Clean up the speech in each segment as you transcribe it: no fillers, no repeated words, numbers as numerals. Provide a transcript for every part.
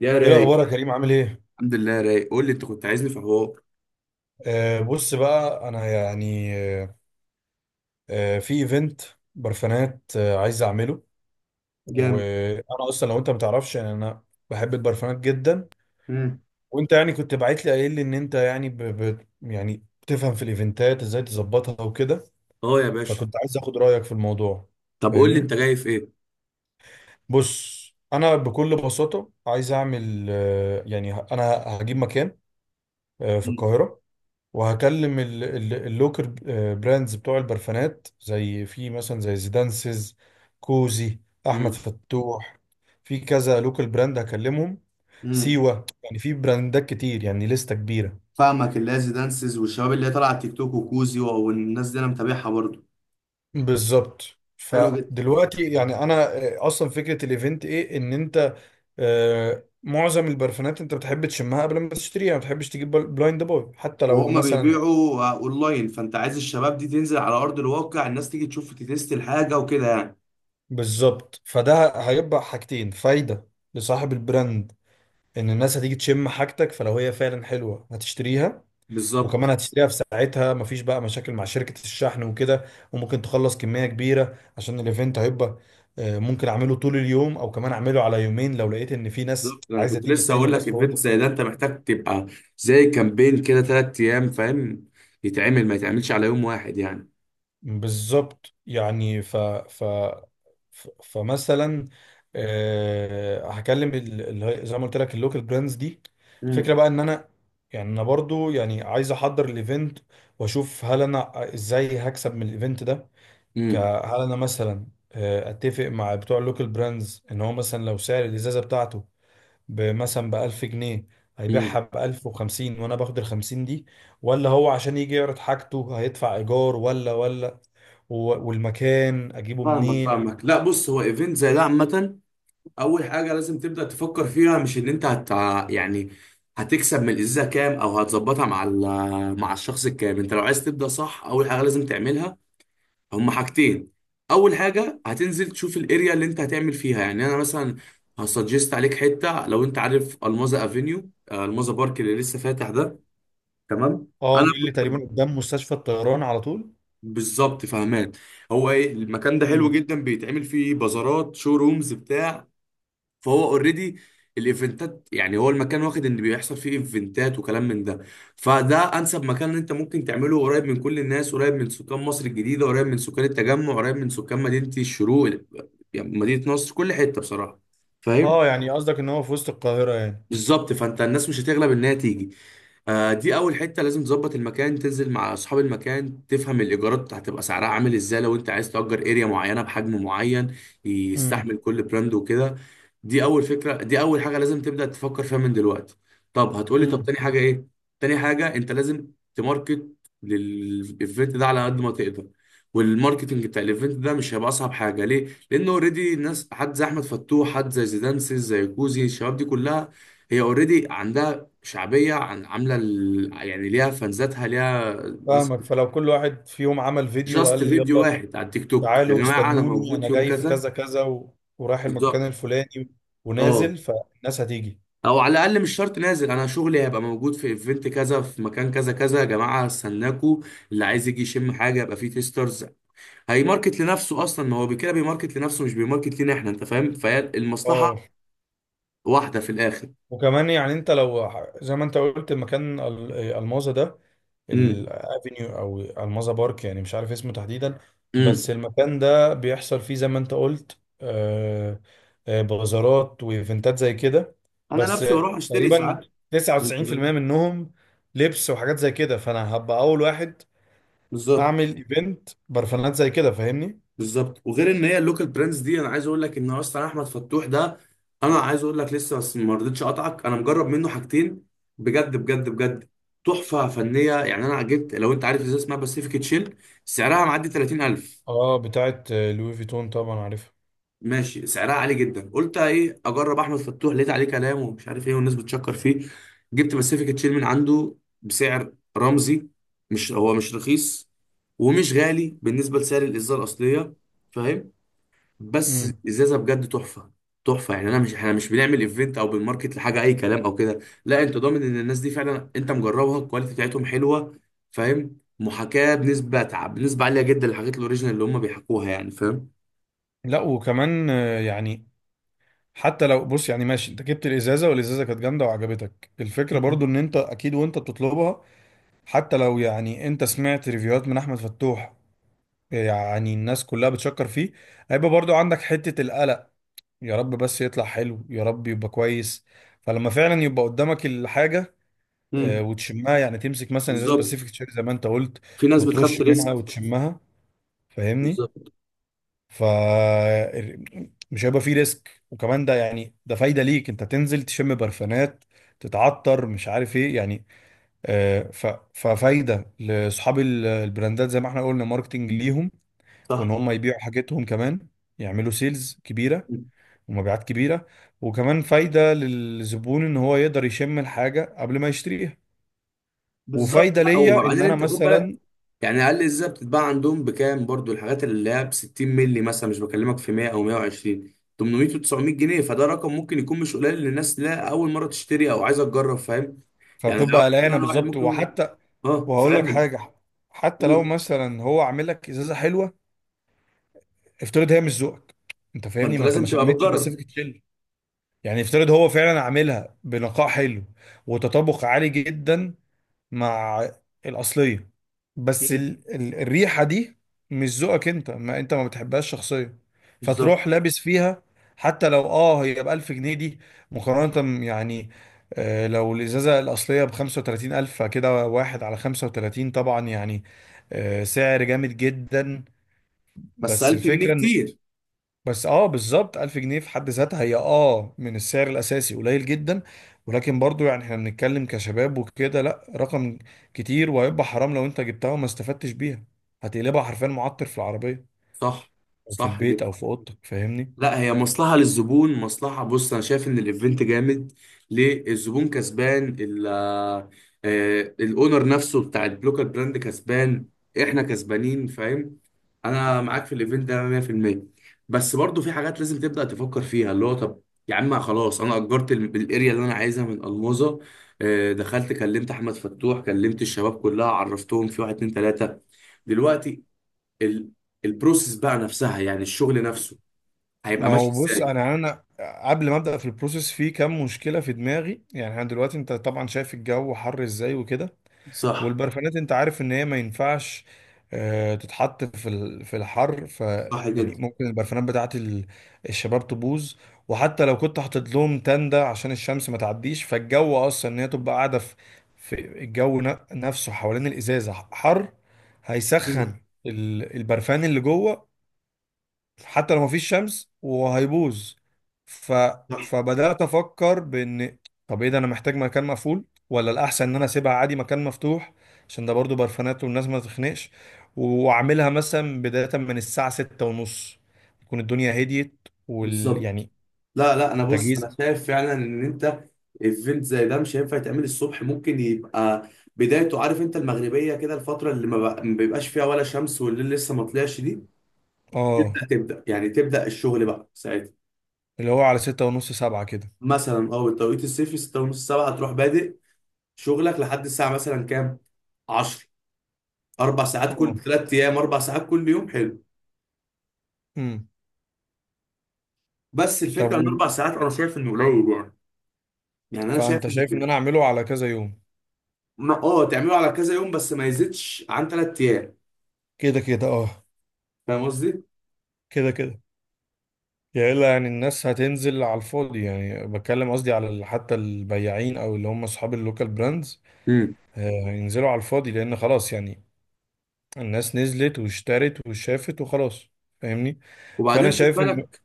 يا ايه رايق. الاخبار يا كريم، عامل ايه؟ الحمد لله رايق، قول لي انت كنت عايزني في حوار. بص بقى، انا يعني آه في ايفنت برفانات عايز اعمله. جامد. وانا اصلا لو انت ما تعرفش، يعني انا بحب البرفانات جدا. امم. وانت يعني كنت باعت لي قايل لي ان انت يعني ب ب يعني بتفهم في الايفنتات ازاي تظبطها وكده، اه، يا باشا. فكنت عايز اخد رايك في الموضوع، طب قول لي فاهمني؟ انت جاي في ايه. بص، انا بكل بساطه عايز اعمل يعني انا هجيب مكان في القاهره، وهكلم اللوكر براندز بتوع البرفانات، زي في مثلا زي زيدانسز، كوزي، احمد امم. فتوح. في كذا لوكال براند هكلمهم: امم. سيوة، يعني في براندات كتير، يعني لستة كبيرة. فاهمك، اللاز دانسز والشباب اللي هي طالعه على التيك توك وكوزي والناس دي انا متابعها برضو. بالظبط. حلو جدا. فدلوقتي يعني انا، اصلا فكرة الايفنت ايه؟ ان انت، معظم البرفانات انت بتحب تشمها قبل ما تشتريها، ما بتحبش تجيب بلايند باي حتى لو وهما مثلا. بيبيعوا اونلاين، فانت عايز الشباب دي تنزل على ارض الواقع، الناس تيجي تشوف تتست الحاجه وكده يعني. بالظبط. فده هيبقى حاجتين: فايدة لصاحب البراند ان الناس هتيجي تشم حاجتك، فلو هي فعلا حلوه هتشتريها، وكمان بالظبط. هتشتريها في ساعتها، مفيش بقى مشاكل مع شركه الشحن وكده. وممكن تخلص كميه كبيره عشان الايفنت هيبقى، ممكن اعمله طول اليوم او كمان اعمله على يومين لو لقيت ان في ناس بالظبط، انا عايزه كنت تيجي لسه تاني هقول وناس لك ايفنت فوتت. زي ده انت محتاج تبقى زي كامبين كده 3 ايام، فاهم، يتعمل ما يتعملش على يوم واحد يعني. بالظبط. يعني فمثلا، هكلم زي ما قلت لك اللوكال براندز دي. امم. الفكره بقى ان انا، يعني انا برضو يعني عايز احضر الايفنت واشوف هل انا ازاي هكسب من الايفنت ده. ك- امم. هل انا مثلا اتفق مع بتوع اللوكال براندز ان هو مثلا، لو سعر الازازه بتاعته بمثلا ب1000 جنيه، امم. هيبيعها ب1050 وأنا باخد ال50 دي؟ ولا هو عشان يجي يعرض حاجته هيدفع إيجار، ولا و- والمكان أجيبه فاهمك منين؟ فاهمك. لا بص، هو ايفنت زي ده عامة، اول حاجة لازم تبدأ تفكر فيها مش ان انت هت يعني هتكسب من الازازة كام، او هتظبطها مع مع الشخص الكام. انت لو عايز تبدأ صح، اول حاجة لازم تعملها هما حاجتين. اول حاجة هتنزل تشوف الاريا اللي انت هتعمل فيها، يعني انا مثلا هسجست عليك حتة، لو انت عارف الماظة افينيو، الماظة بارك اللي لسه فاتح ده. تمام. أه، انا دي اللي كنت، تقريبا قدام مستشفى الطيران على طول. بالظبط، فهمان. هو ايه المكان ده، حلو امم. جدا، بيتعمل فيه بازارات شو رومز بتاع، فهو اوريدي الايفنتات، يعني هو المكان واخد ان بيحصل فيه ايفنتات وكلام من ده. فده انسب مكان إن انت ممكن تعمله، قريب من كل الناس، قريب من سكان مصر الجديدة، قريب من سكان التجمع، قريب من سكان مدينة الشروق، يعني مدينة نصر، كل حتة بصراحة، فاهم. أه، يعني قصدك إن هو في وسط القاهرة يعني؟ بالظبط، فانت الناس مش هتغلب انها تيجي. دي اول حته لازم تظبط المكان، تنزل مع اصحاب المكان تفهم الايجارات هتبقى سعرها عامل ازاي، لو انت عايز تأجر اريا معينه بحجم معين امم. يستحمل كل براند وكده. دي اول فكره، دي اول حاجه لازم تبدا تفكر فيها من دلوقتي. طب هتقولي طب امم. تاني حاجه ايه. تاني حاجه انت لازم تماركت للايفنت ده على قد ما تقدر. والماركتنج بتاع الايفنت ده مش هيبقى اصعب حاجه ليه، لانه اوريدي الناس، حد زي احمد فتوح، حد زي زيدانسيس، زي كوزي، الشباب دي كلها هي اوريدي عندها شعبيه، عن عامله يعني ليها فانزاتها، ليها ناس. فاهمك. فلو كل واحد فيهم عمل فيديو قال جاست لي: فيديو يلا واحد على التيك توك، يا تعالوا جماعه انا استنوني، موجود أنا يوم جاي في كذا. كذا كذا ورايح بالظبط. المكان الفلاني، اه. ونازل، فالناس هتيجي. او على الاقل مش شرط نازل، انا شغلي هيبقى موجود في ايفنت كذا في مكان كذا كذا، يا جماعه استناكوا. اللي عايز يجي يشم حاجه يبقى فيه تيسترز، هيماركت لنفسه اصلا. ما هو كده بيماركت لنفسه مش بيماركت لينا احنا، انت فاهم، فهي المصلحه اه. واحده في الاخر. وكمان يعني انت لو زي ما انت قلت مكان الماظة ده، امم. الافينيو او الماظة بارك، يعني مش عارف اسمه تحديدا. بس امم. المكان ده بيحصل فيه زي ما انت قلت بازارات وايفنتات زي كده، انا بس نفسي بروح اشتري تقريبا ساعات. 99% منهم لبس وحاجات زي كده، فانا هبقى اول واحد بالظبط. اعمل ايفنت برفانات زي كده، فاهمني؟ بالظبط، وغير ان هي اللوكال براندز دي، انا عايز اقول لك ان اصلا احمد فتوح ده، انا عايز اقول لك لسه بس ما رضيتش اقطعك، انا مجرب منه حاجتين بجد بجد بجد تحفه فنيه، يعني انا جبت لو انت عارف ازاي اسمها باسيفيك تشيل، سعرها معدي 30,000. اه، بتاعت لوي فيتون طبعا، عارفها. ماشي، سعرها عالي جدا، قلت ايه اجرب احمد فتوح، لقيت عليه كلام، ومش عارف ايه، والناس بتشكر فيه، جبت باسيفيك تشيل من عنده بسعر رمزي، مش هو مش رخيص ومش غالي بالنسبه لسعر الازازه الاصليه، بس امم. ازازه بجد تحفه تحفه. يعني انا مش، احنا مش بنعمل ايفنت او بنماركت لحاجه اي كلام او كده، لا انت ضامن ان الناس دي فعلا انت مجربها، الكواليتي بتاعتهم حلوه، فاهم، محاكاه بنسبه بنسبه عاليه جدا للحاجات الاوريجينال اللي هم بيحكوها يعني فاهم. لا، وكمان يعني حتى لو، بص يعني ماشي، انت جبت الازازه والازازه كانت جامده وعجبتك الفكره مم. برضو ان انت، اكيد وانت بتطلبها، حتى لو يعني انت سمعت ريفيوهات من احمد فتوح يعني الناس كلها بتشكر فيه، هيبقى برضو عندك حته القلق: يا رب بس يطلع حلو، يا رب يبقى كويس. فلما فعلا يبقى قدامك الحاجه، مم. وتشمها، يعني تمسك مثلا ازاز باسيفيك بالظبط. تشيري زي ما انت قلت، في ناس بتخاف وترش منها تريسك. وتشمها، فاهمني؟ بالظبط. ف مش هيبقى فيه ريسك. وكمان ده، يعني فايده ليك انت تنزل تشم برفانات، تتعطر مش عارف ايه يعني. آه، ف... ففايده لاصحاب البراندات زي ما احنا قلنا، ماركتنج ليهم، وان صح. هم يبيعوا حاجتهم، كمان يعملوا سيلز كبيره ومبيعات كبيره. وكمان فايده للزبون ان هو يقدر يشم الحاجه قبل ما يشتريها. بالظبط. وفايده لا ليا ان وبعدين انا انت خد بالك، مثلا، يعني اقل ازاي بتتباع عندهم بكام برضو؟ الحاجات اللي هي ب 60 مللي مثلا، مش بكلمك في 100 او 120، 800 و900 جنيه، فده رقم ممكن يكون مش قليل للناس لا اول مره تشتري او عايزه تجرب، فاهم، يعني لو فبتبقى قلقانه، انا واحد بالظبط. ممكن يقول وحتى، اه وهقول لك فاهم، حاجه، حتى لو مثلا هو عامل لك ازازه حلوه، افترض هي مش ذوقك انت، فاهمني؟ فانت ما انت لازم ما تبقى شميتش بتجرب. باسيفيك تشيل، يعني افترض هو فعلا عاملها بنقاء حلو وتطابق عالي جدا مع الاصليه، بس مم. ال ال الريحه دي مش ذوقك انت، ما انت ما بتحبهاش شخصيا، بالظبط. فتروح لابس فيها، حتى لو هي ب 1000 جنيه دي، مقارنه يعني لو الازازه الاصليه ب 35000، كده واحد على 35 طبعا يعني سعر جامد جدا. بس بس 1000 جنيه الفكره ان، كتير. بس بالظبط 1000 جنيه في حد ذاتها هي من السعر الاساسي قليل جدا. ولكن برضو يعني احنا بنتكلم كشباب وكده، لا، رقم كتير، وهيبقى حرام لو انت جبتها وما استفدتش بيها، هتقلبها حرفيا معطر في العربيه صح. او في صح. البيت او في اوضتك، فاهمني؟ لا هي مصلحة للزبون، مصلحة. بص أنا شايف إن الإيفنت جامد ليه؟ الزبون كسبان، الأونر نفسه بتاع البلوكر براند كسبان، إحنا كسبانين، فاهم، أنا معاك في الإيفنت ده 100%. بس برضو في حاجات لازم تبدأ تفكر فيها، اللي هو طب يا عم خلاص أنا أجرت الأريا اللي أنا عايزها من ألموظة، دخلت كلمت أحمد فتوح كلمت الشباب كلها، عرفتهم في واحد اتنين تلاتة. دلوقتي ال- البروسيس بقى نفسها يعني الشغل نفسه هيبقى ما هو ماشي بص، ازاي؟ انا قبل ما ابدا في البروسيس في كام مشكله في دماغي. يعني انا دلوقتي، انت طبعا شايف الجو حر ازاي وكده، صح. والبرفانات انت عارف ان هي ما ينفعش تتحط في في الحر، ف صح يعني جدا. ممكن البرفانات بتاعت الشباب تبوظ. وحتى لو كنت حاطط لهم تندة عشان الشمس ما تعديش، فالجو اصلا ان هي تبقى قاعدة في الجو نفسه، حوالين الازازة حر، مم. هيسخن البرفان اللي جوه حتى لو مفيش شمس، وهيبوظ. ف... صح. فبدأت أفكر بإن: طب إيه ده، أنا محتاج مكان مقفول ولا الأحسن إن أنا أسيبها عادي مكان مفتوح، عشان ده برضو برفانات والناس ما تخنقش؟ وأعملها مثلا بداية من الساعة 6:30، تكون الدنيا هديت بالظبط. يعني لا لا انا، بص انا تجهيز. شايف فعلا ان انت ايفنت زي ده مش هينفع يتعمل الصبح، ممكن يبقى بدايته، عارف انت المغربيه كده، الفتره اللي ما بيبقاش فيها ولا شمس والليل لسه ما طلعش دي، آه تبدا تبدا يعني تبدا الشغل بقى ساعتها، اللي هو على 6:30، 7 كده. مثلا اه التوقيت الصيفي 6 ونص 7، تروح بادئ شغلك لحد الساعه مثلا كام، 10. 4 ساعات كل اه. 3 ايام، 4 ساعات كل يوم، حلو. امم. بس طب، الفكره ان 4 ساعات انا شايف انه قليل يعني، يعني انا فأنت شايف ان شايف إن أنا أعمله على كذا يوم؟ تعمله على كذا يوم بس ما يزيدش عن 3 ايام. كده كده، آه. فاهم قصدي؟ كده كده، يا إلا يعني الناس هتنزل على الفاضي، يعني بتكلم قصدي على حتى البياعين او اللي هم اصحاب اللوكال براندز، امم. هينزلوا على الفاضي، لان خلاص يعني الناس نزلت واشترت وشافت وخلاص، فاهمني؟ فانا وبعدين خد شايف ان. بالك،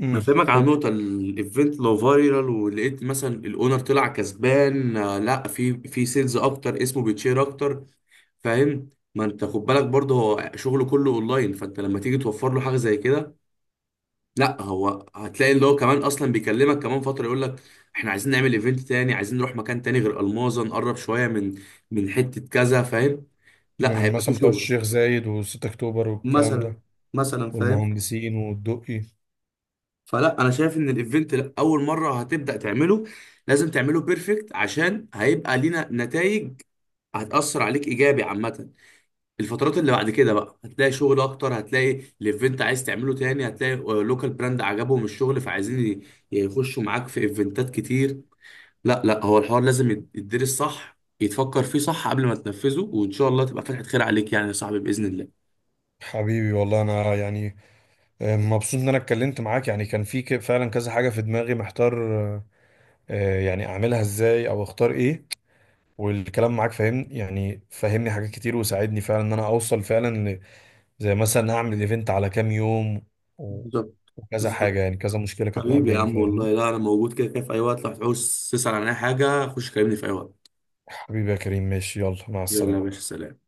امم. هفهمك قول على لي. نقطة. الايفنت لو فايرال ولقيت مثلا الاونر طلع كسبان، لا في سيلز اكتر، اسمه بيتشير اكتر، فاهم، ما انت خد بالك برضه، هو شغله كله اونلاين، فانت لما تيجي توفر له حاجة زي كده، لا هو، هتلاقي اللي هو كمان اصلا بيكلمك كمان فترة يقول لك احنا عايزين نعمل ايفنت تاني، عايزين نروح مكان تاني غير الماظة، نقرب شوية من حتة كذا، فاهم، لا من هيبقى في مثلا بتوع شغل. الشيخ زايد و6 اكتوبر والكلام مثلا. ده، مثلا، فاهم. والمهندسين والدقي. فلا انا شايف ان الايفنت لا، اول مره هتبدا تعمله لازم تعمله بيرفكت، عشان هيبقى لينا نتائج، هتاثر عليك ايجابي عامه. الفترات اللي بعد كده بقى هتلاقي شغل اكتر، هتلاقي الايفنت عايز تعمله تاني، هتلاقي لوكال براند عجبهم الشغل فعايزين يخشوا معاك في ايفنتات كتير. لا لا هو الحوار لازم يتدرس صح يتفكر فيه صح قبل ما تنفذه، وان شاء الله تبقى فتحة خير عليك، يعني يا صاحبي باذن الله. حبيبي، والله انا يعني مبسوط ان انا اتكلمت معاك، يعني كان في فعلا كذا حاجة في دماغي محتار، آه، يعني اعملها ازاي او اختار ايه، والكلام معاك فاهم يعني فهمني حاجات كتير وساعدني فعلا ان انا اوصل فعلا زي مثلا اعمل ايفنت على كام يوم و- بالظبط. وكذا حاجة، بالظبط. يعني كذا مشكلة كانت حبيبي يا مقابلاني، عم، فاهم؟ والله لا انا موجود كده كده في اي وقت، لو هتعوز تسأل عن اي حاجة خش كلمني في اي وقت. حبيبي يا كريم، ماشي، يلا مع يلا يا السلامة. باشا سلام.